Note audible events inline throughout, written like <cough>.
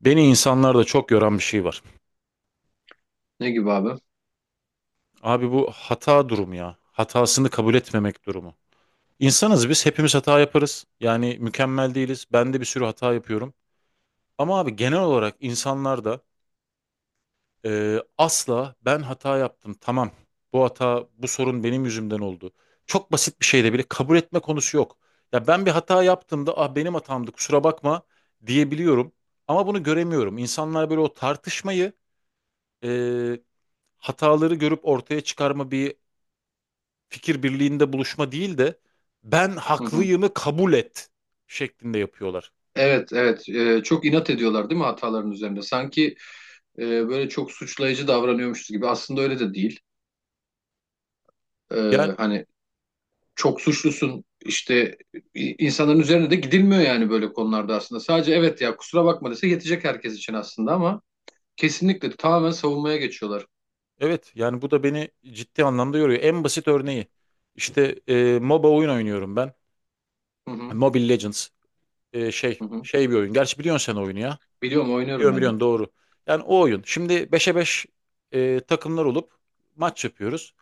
Beni insanlarda çok yoran bir şey var. Ne gibi abi? Abi bu hata durumu ya. Hatasını kabul etmemek durumu. İnsanız biz hepimiz hata yaparız. Yani mükemmel değiliz. Ben de bir sürü hata yapıyorum. Ama abi genel olarak insanlarda asla ben hata yaptım tamam. Bu hata bu sorun benim yüzümden oldu. Çok basit bir şeyde bile kabul etme konusu yok. Ya ben bir hata yaptığımda ah benim hatamdı kusura bakma diyebiliyorum. Ama bunu göremiyorum. İnsanlar böyle o tartışmayı e, hataları görüp ortaya çıkarma bir fikir birliğinde buluşma değil de ben Hı hı. haklıyımı kabul et şeklinde yapıyorlar. Evet, evet. Çok inat ediyorlar değil mi hataların üzerinde? Sanki böyle çok suçlayıcı davranıyormuşuz gibi. Aslında öyle de değil. Yani Hani çok suçlusun işte, insanların üzerine de gidilmiyor yani böyle konularda aslında. Sadece evet ya kusura bakma dese yetecek herkes için aslında, ama kesinlikle tamamen savunmaya geçiyorlar. evet yani bu da beni ciddi anlamda yoruyor. En basit örneği işte MOBA oyun oynuyorum ben. Hı hı, Mobile Legends. E, şey hı hı. şey bir oyun. Gerçi biliyorsun sen oyunu ya. Biliyorum, oynuyorum Biliyorum ben de. biliyorsun doğru. Yani o oyun. Şimdi beşe 5 takımlar olup maç yapıyoruz.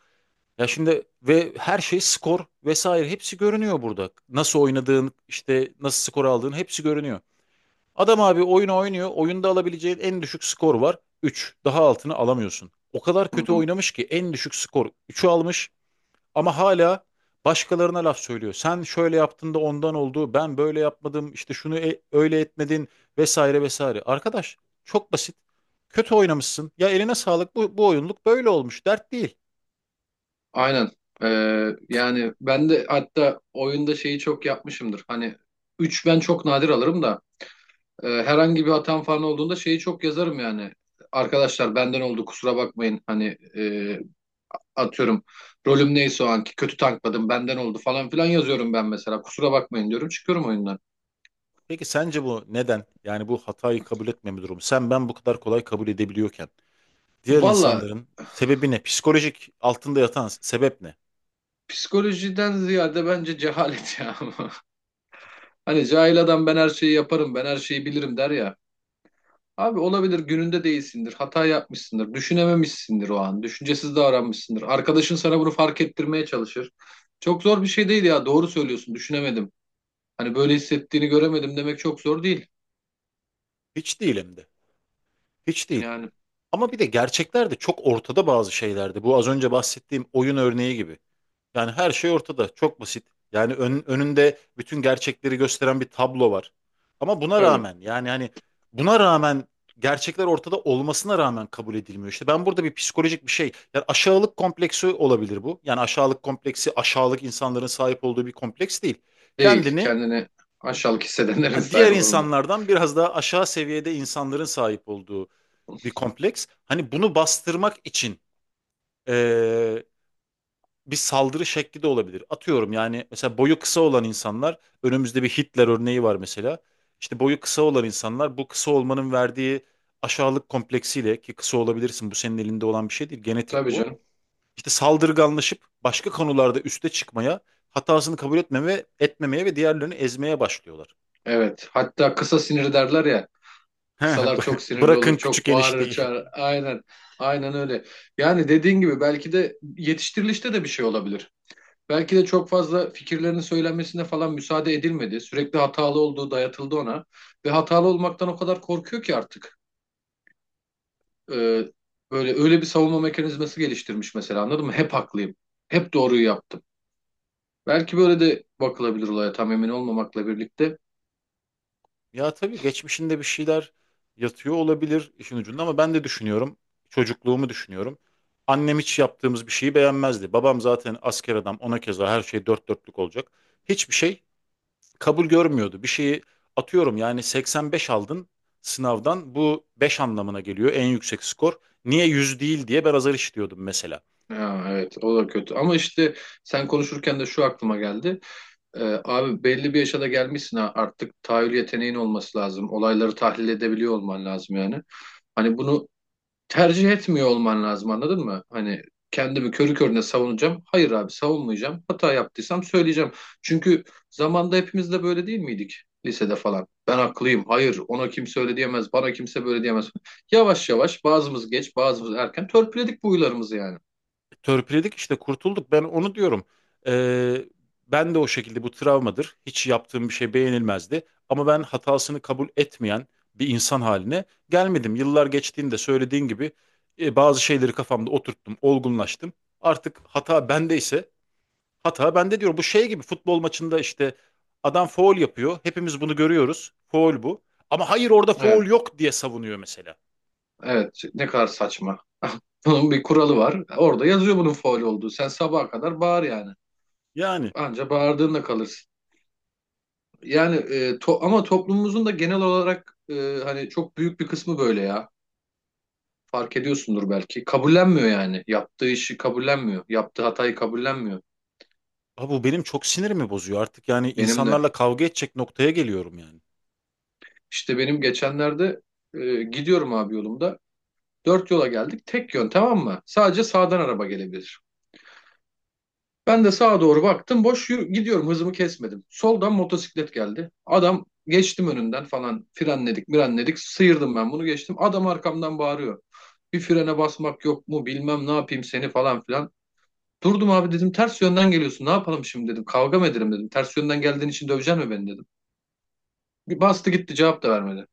Ya şimdi ve her şey skor vesaire hepsi görünüyor burada. Nasıl oynadığın işte nasıl skor aldığın hepsi görünüyor. Adam abi oyunu oynuyor. Oyunda alabileceğin en düşük skor var, üç. Daha altını alamıyorsun. O kadar Hı kötü hı. oynamış ki en düşük skor üçü almış ama hala başkalarına laf söylüyor. Sen şöyle yaptın da ondan oldu. Ben böyle yapmadım. İşte şunu öyle etmedin vesaire vesaire. Arkadaş çok basit. Kötü oynamışsın. Ya eline sağlık. Bu oyunluk böyle olmuş. Dert değil. Aynen. Yani ben de hatta oyunda şeyi çok yapmışımdır. Hani 3 ben çok nadir alırım da herhangi bir hatam falan olduğunda şeyi çok yazarım yani. Arkadaşlar benden oldu, kusura bakmayın. Hani atıyorum, rolüm neyse o anki, kötü tankladım, benden oldu falan filan yazıyorum ben mesela. Kusura bakmayın diyorum, çıkıyorum oyundan. Peki sence bu neden? Yani bu hatayı kabul etmeme durumu. Sen ben bu kadar kolay kabul edebiliyorken diğer Valla insanların sebebi ne? Psikolojik altında yatan sebep ne? psikolojiden ziyade bence cehalet ya. <laughs> Hani cahil adam ben her şeyi yaparım, ben her şeyi bilirim der ya. Abi olabilir, gününde değilsindir, hata yapmışsındır, düşünememişsindir o an, düşüncesiz davranmışsındır. Arkadaşın sana bunu fark ettirmeye çalışır. Çok zor bir şey değil ya, doğru söylüyorsun, düşünemedim. Hani böyle hissettiğini göremedim demek çok zor değil. Hiç değil hem de. Hiç değil. Yani Ama bir de gerçekler de çok ortada bazı şeylerde. Bu az önce bahsettiğim oyun örneği gibi. Yani her şey ortada. Çok basit. Yani önünde bütün gerçekleri gösteren bir tablo var. Ama buna tabii rağmen yani hani buna rağmen gerçekler ortada olmasına rağmen kabul edilmiyor. İşte ben burada bir psikolojik bir şey. Yani aşağılık kompleksi olabilir bu. Yani aşağılık kompleksi aşağılık insanların sahip olduğu bir kompleks değil. değil. Kendini Kendini aşağılık hissedenlerin <laughs> diğer sahibi oldu. insanlardan biraz daha aşağı seviyede insanların sahip olduğu bir kompleks. Hani bunu bastırmak için eee, bir saldırı şekli de olabilir. Atıyorum yani mesela boyu kısa olan insanlar önümüzde bir Hitler örneği var mesela. İşte boyu kısa olan insanlar bu kısa olmanın verdiği aşağılık kompleksiyle ki kısa olabilirsin bu senin elinde olan bir şey değil genetik Tabii bu. canım. İşte saldırganlaşıp başka konularda üste çıkmaya hatasını kabul etmemeye ve diğerlerini ezmeye başlıyorlar. Evet. Hatta kısa sinir derler ya. He, Kısalar çok <laughs> sinirli bırakın olur, küçük çok bağırır, enişteyi. çağırır. Aynen. Aynen öyle. Yani dediğin gibi belki de yetiştirilişte de bir şey olabilir. Belki de çok fazla fikirlerinin söylenmesine falan müsaade edilmedi. Sürekli hatalı olduğu dayatıldı ona. Ve hatalı olmaktan o kadar korkuyor ki artık. e, Böyle öyle bir savunma mekanizması geliştirmiş mesela, anladın mı? Hep haklıyım. Hep doğruyu yaptım. Belki böyle de bakılabilir olaya, tam emin olmamakla birlikte. Ya tabii geçmişinde bir şeyler yatıyor olabilir işin ucunda ama ben de düşünüyorum. Çocukluğumu düşünüyorum. Annem hiç yaptığımız bir şeyi beğenmezdi. Babam zaten asker adam ona keza her şey dört dörtlük olacak. Hiçbir şey kabul görmüyordu. Bir şeyi atıyorum yani 85 aldın sınavdan bu 5 anlamına geliyor en yüksek skor. Niye 100 değil diye ben azar işitiyordum mesela. Ya, evet, o da kötü ama işte sen konuşurken de şu aklıma geldi. Abi belli bir yaşa da gelmişsin ha, artık tahayyül yeteneğin olması lazım. Olayları tahlil edebiliyor olman lazım yani. Hani bunu tercih etmiyor olman lazım, anladın mı? Hani kendimi körü körüne savunacağım. Hayır abi, savunmayacağım. Hata yaptıysam söyleyeceğim. Çünkü zamanda hepimiz de böyle değil miydik? Lisede falan. Ben haklıyım. Hayır, ona kimse öyle diyemez. Bana kimse böyle diyemez. Yavaş yavaş, bazımız geç bazımız erken, törpüledik bu huylarımızı yani. Törpüledik işte kurtulduk. Ben onu diyorum. Ee, Ben de o şekilde bu travmadır. Hiç yaptığım bir şey beğenilmezdi. Ama ben hatasını kabul etmeyen bir insan haline gelmedim. Yıllar geçtiğinde söylediğin gibi bazı şeyleri kafamda oturttum, olgunlaştım. Artık hata bendeyse hata bende diyorum. Bu şey gibi futbol maçında işte adam faul yapıyor. Hepimiz bunu görüyoruz. Faul bu. Ama hayır orada faul Evet. yok diye savunuyor mesela. Evet. Ne kadar saçma. <laughs> Bunun bir kuralı var. Orada yazıyor bunun faul olduğu. Sen sabaha kadar bağır yani. Yani, Anca bağırdığında kalırsın. Yani ama toplumumuzun da genel olarak, hani çok büyük bir kısmı böyle ya. Fark ediyorsundur belki. Kabullenmiyor yani. Yaptığı işi kabullenmiyor. Yaptığı hatayı kabullenmiyor. abi bu benim çok sinirimi bozuyor artık yani Benim de. insanlarla kavga edecek noktaya geliyorum yani. İşte benim geçenlerde gidiyorum abi yolumda. Dört yola geldik. Tek yön, tamam mı? Sadece sağdan araba gelebilir. Ben de sağa doğru baktım. Boş, gidiyorum. Hızımı kesmedim. Soldan motosiklet geldi. Adam, geçtim önünden falan. Frenledik, mirenledik. Sıyırdım ben, bunu geçtim. Adam arkamdan bağırıyor. Bir frene basmak yok mu? Bilmem ne yapayım seni falan filan. Durdum abi, dedim. Ters yönden geliyorsun. Ne yapalım şimdi, dedim. Kavga mı edelim, dedim. Ters yönden geldiğin için döveceksin mi beni, dedim. Bir bastı gitti, cevap da vermedi.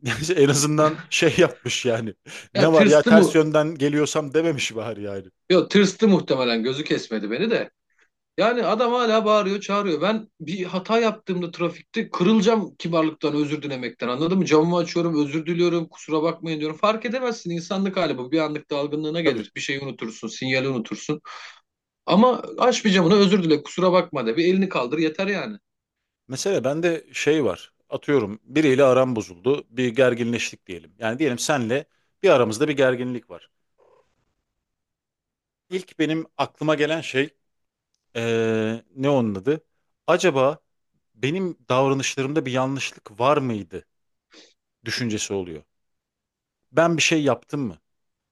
<laughs> En azından şey yapmış yani. Ne Ya var ya tırstı ters mı? yönden geliyorsam dememiş bari yani. Yok, tırstı muhtemelen. Gözü kesmedi beni de. Yani adam hala bağırıyor, çağırıyor. Ben bir hata yaptığımda trafikte kırılacağım kibarlıktan, özür dilemekten. Anladın mı? Camımı açıyorum, özür diliyorum, kusura bakmayın diyorum. Fark edemezsin, insanlık hali bu. Bir anlık dalgınlığına Tabii. gelir. Bir şeyi unutursun, sinyali unutursun. Ama aç bir camını, özür dile, kusura bakma de. Bir elini kaldır, yeter yani. Mesela bende şey var. Atıyorum biriyle aram bozuldu. Bir gerginleştik diyelim. Yani diyelim senle bir aramızda bir gerginlik var. İlk benim aklıma gelen şey ne onun adı? Acaba benim davranışlarımda bir yanlışlık var mıydı düşüncesi oluyor. Ben bir şey yaptım mı?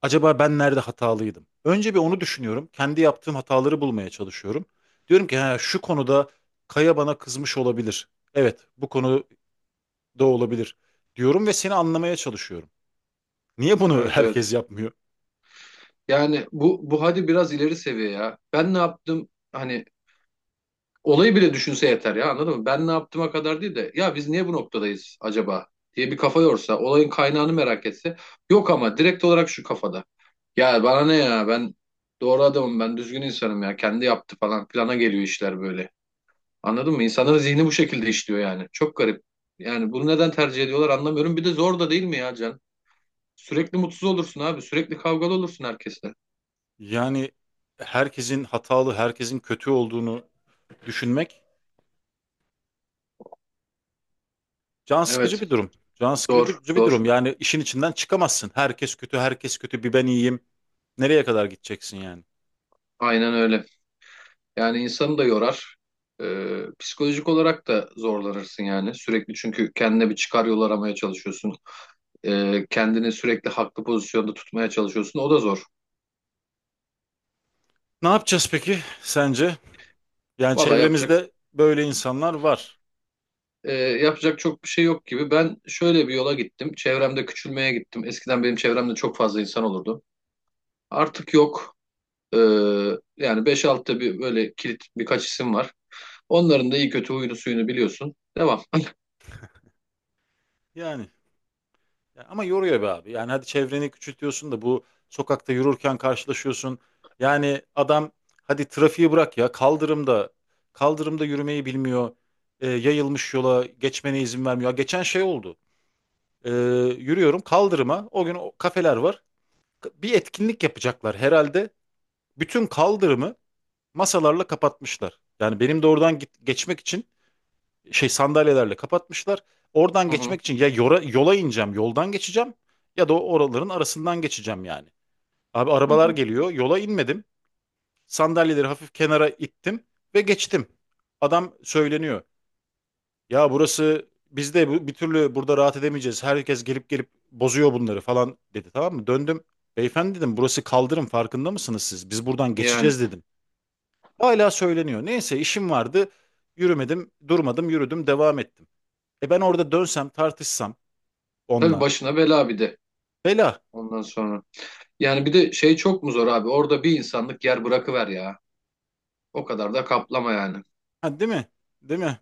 Acaba ben nerede hatalıydım? Önce bir onu düşünüyorum. Kendi yaptığım hataları bulmaya çalışıyorum. Diyorum ki ha, şu konuda Kaya bana kızmış olabilir. Evet, bu konuda olabilir diyorum ve seni anlamaya çalışıyorum. Niye bunu <laughs> Evet, evet. herkes yapmıyor? Yani bu hadi biraz ileri seviye ya. Ben ne yaptım? Hani olayı bile düşünse yeter ya, anladın mı? Ben ne yaptığıma kadar değil de, ya biz niye bu noktadayız acaba diye bir kafa yorsa, olayın kaynağını merak etse. Yok, ama direkt olarak şu kafada. Ya bana ne, ya ben doğru adamım, ben düzgün insanım, ya kendi yaptı falan plana geliyor, işler böyle. Anladın mı? İnsanların zihni bu şekilde işliyor yani. Çok garip. Yani bunu neden tercih ediyorlar anlamıyorum. Bir de zor da değil mi ya Can? Sürekli mutsuz olursun abi. Sürekli kavgalı olursun herkesle. Yani herkesin hatalı, herkesin kötü olduğunu düşünmek can sıkıcı Evet. bir durum. Can Zor. sıkıcı bir Zor. durum. Yani işin içinden çıkamazsın. Herkes kötü, herkes kötü, bir ben iyiyim. Nereye kadar gideceksin yani? Aynen öyle. Yani insanı da yorar. Psikolojik olarak da zorlanırsın yani. Sürekli çünkü kendine bir çıkar yol aramaya çalışıyorsun. Kendini sürekli haklı pozisyonda tutmaya çalışıyorsun. O da zor. Ne yapacağız peki sence? Yani Valla çevremizde böyle insanlar var. Yapacak çok bir şey yok gibi. Ben şöyle bir yola gittim. Çevremde küçülmeye gittim. Eskiden benim çevremde çok fazla insan olurdu. Artık yok. Ee, Yani beş 6da bir böyle kilit birkaç isim var. Onların da iyi kötü huyunu suyunu biliyorsun. Devam. Yani ya ama yoruyor be abi. Yani hadi çevreni küçültüyorsun da bu sokakta yürürken karşılaşıyorsun. Yani adam hadi trafiği bırak ya kaldırımda yürümeyi bilmiyor. Yayılmış yola geçmene izin vermiyor. Ya, geçen şey oldu. E, yürüyorum kaldırıma. O gün o kafeler var. Bir etkinlik yapacaklar herhalde. Bütün kaldırımı masalarla kapatmışlar. Yani benim de oradan geçmek için şey sandalyelerle kapatmışlar. Oradan Hı hı, geçmek için ya yola ineceğim, yoldan geçeceğim ya da o oraların arasından geçeceğim yani. Abi hı arabalar hı. geliyor, yola inmedim. Sandalyeleri hafif kenara ittim ve geçtim. Adam söyleniyor. Ya burası biz de bu, bir türlü burada rahat edemeyeceğiz. Herkes gelip gelip bozuyor bunları falan dedi tamam mı? Döndüm. Beyefendi dedim burası kaldırım farkında mısınız siz? Biz buradan Yani geçeceğiz dedim. Hala söyleniyor. Neyse işim vardı. Yürümedim, durmadım, yürüdüm, devam ettim. Ben orada dönsem tartışsam tabii onunla. başına bela bir de Bela. ondan sonra. Yani bir de şey, çok mu zor abi? Orada bir insanlık yer bırakıver ya. O kadar da kaplama yani. Ha, değil mi? Değil mi?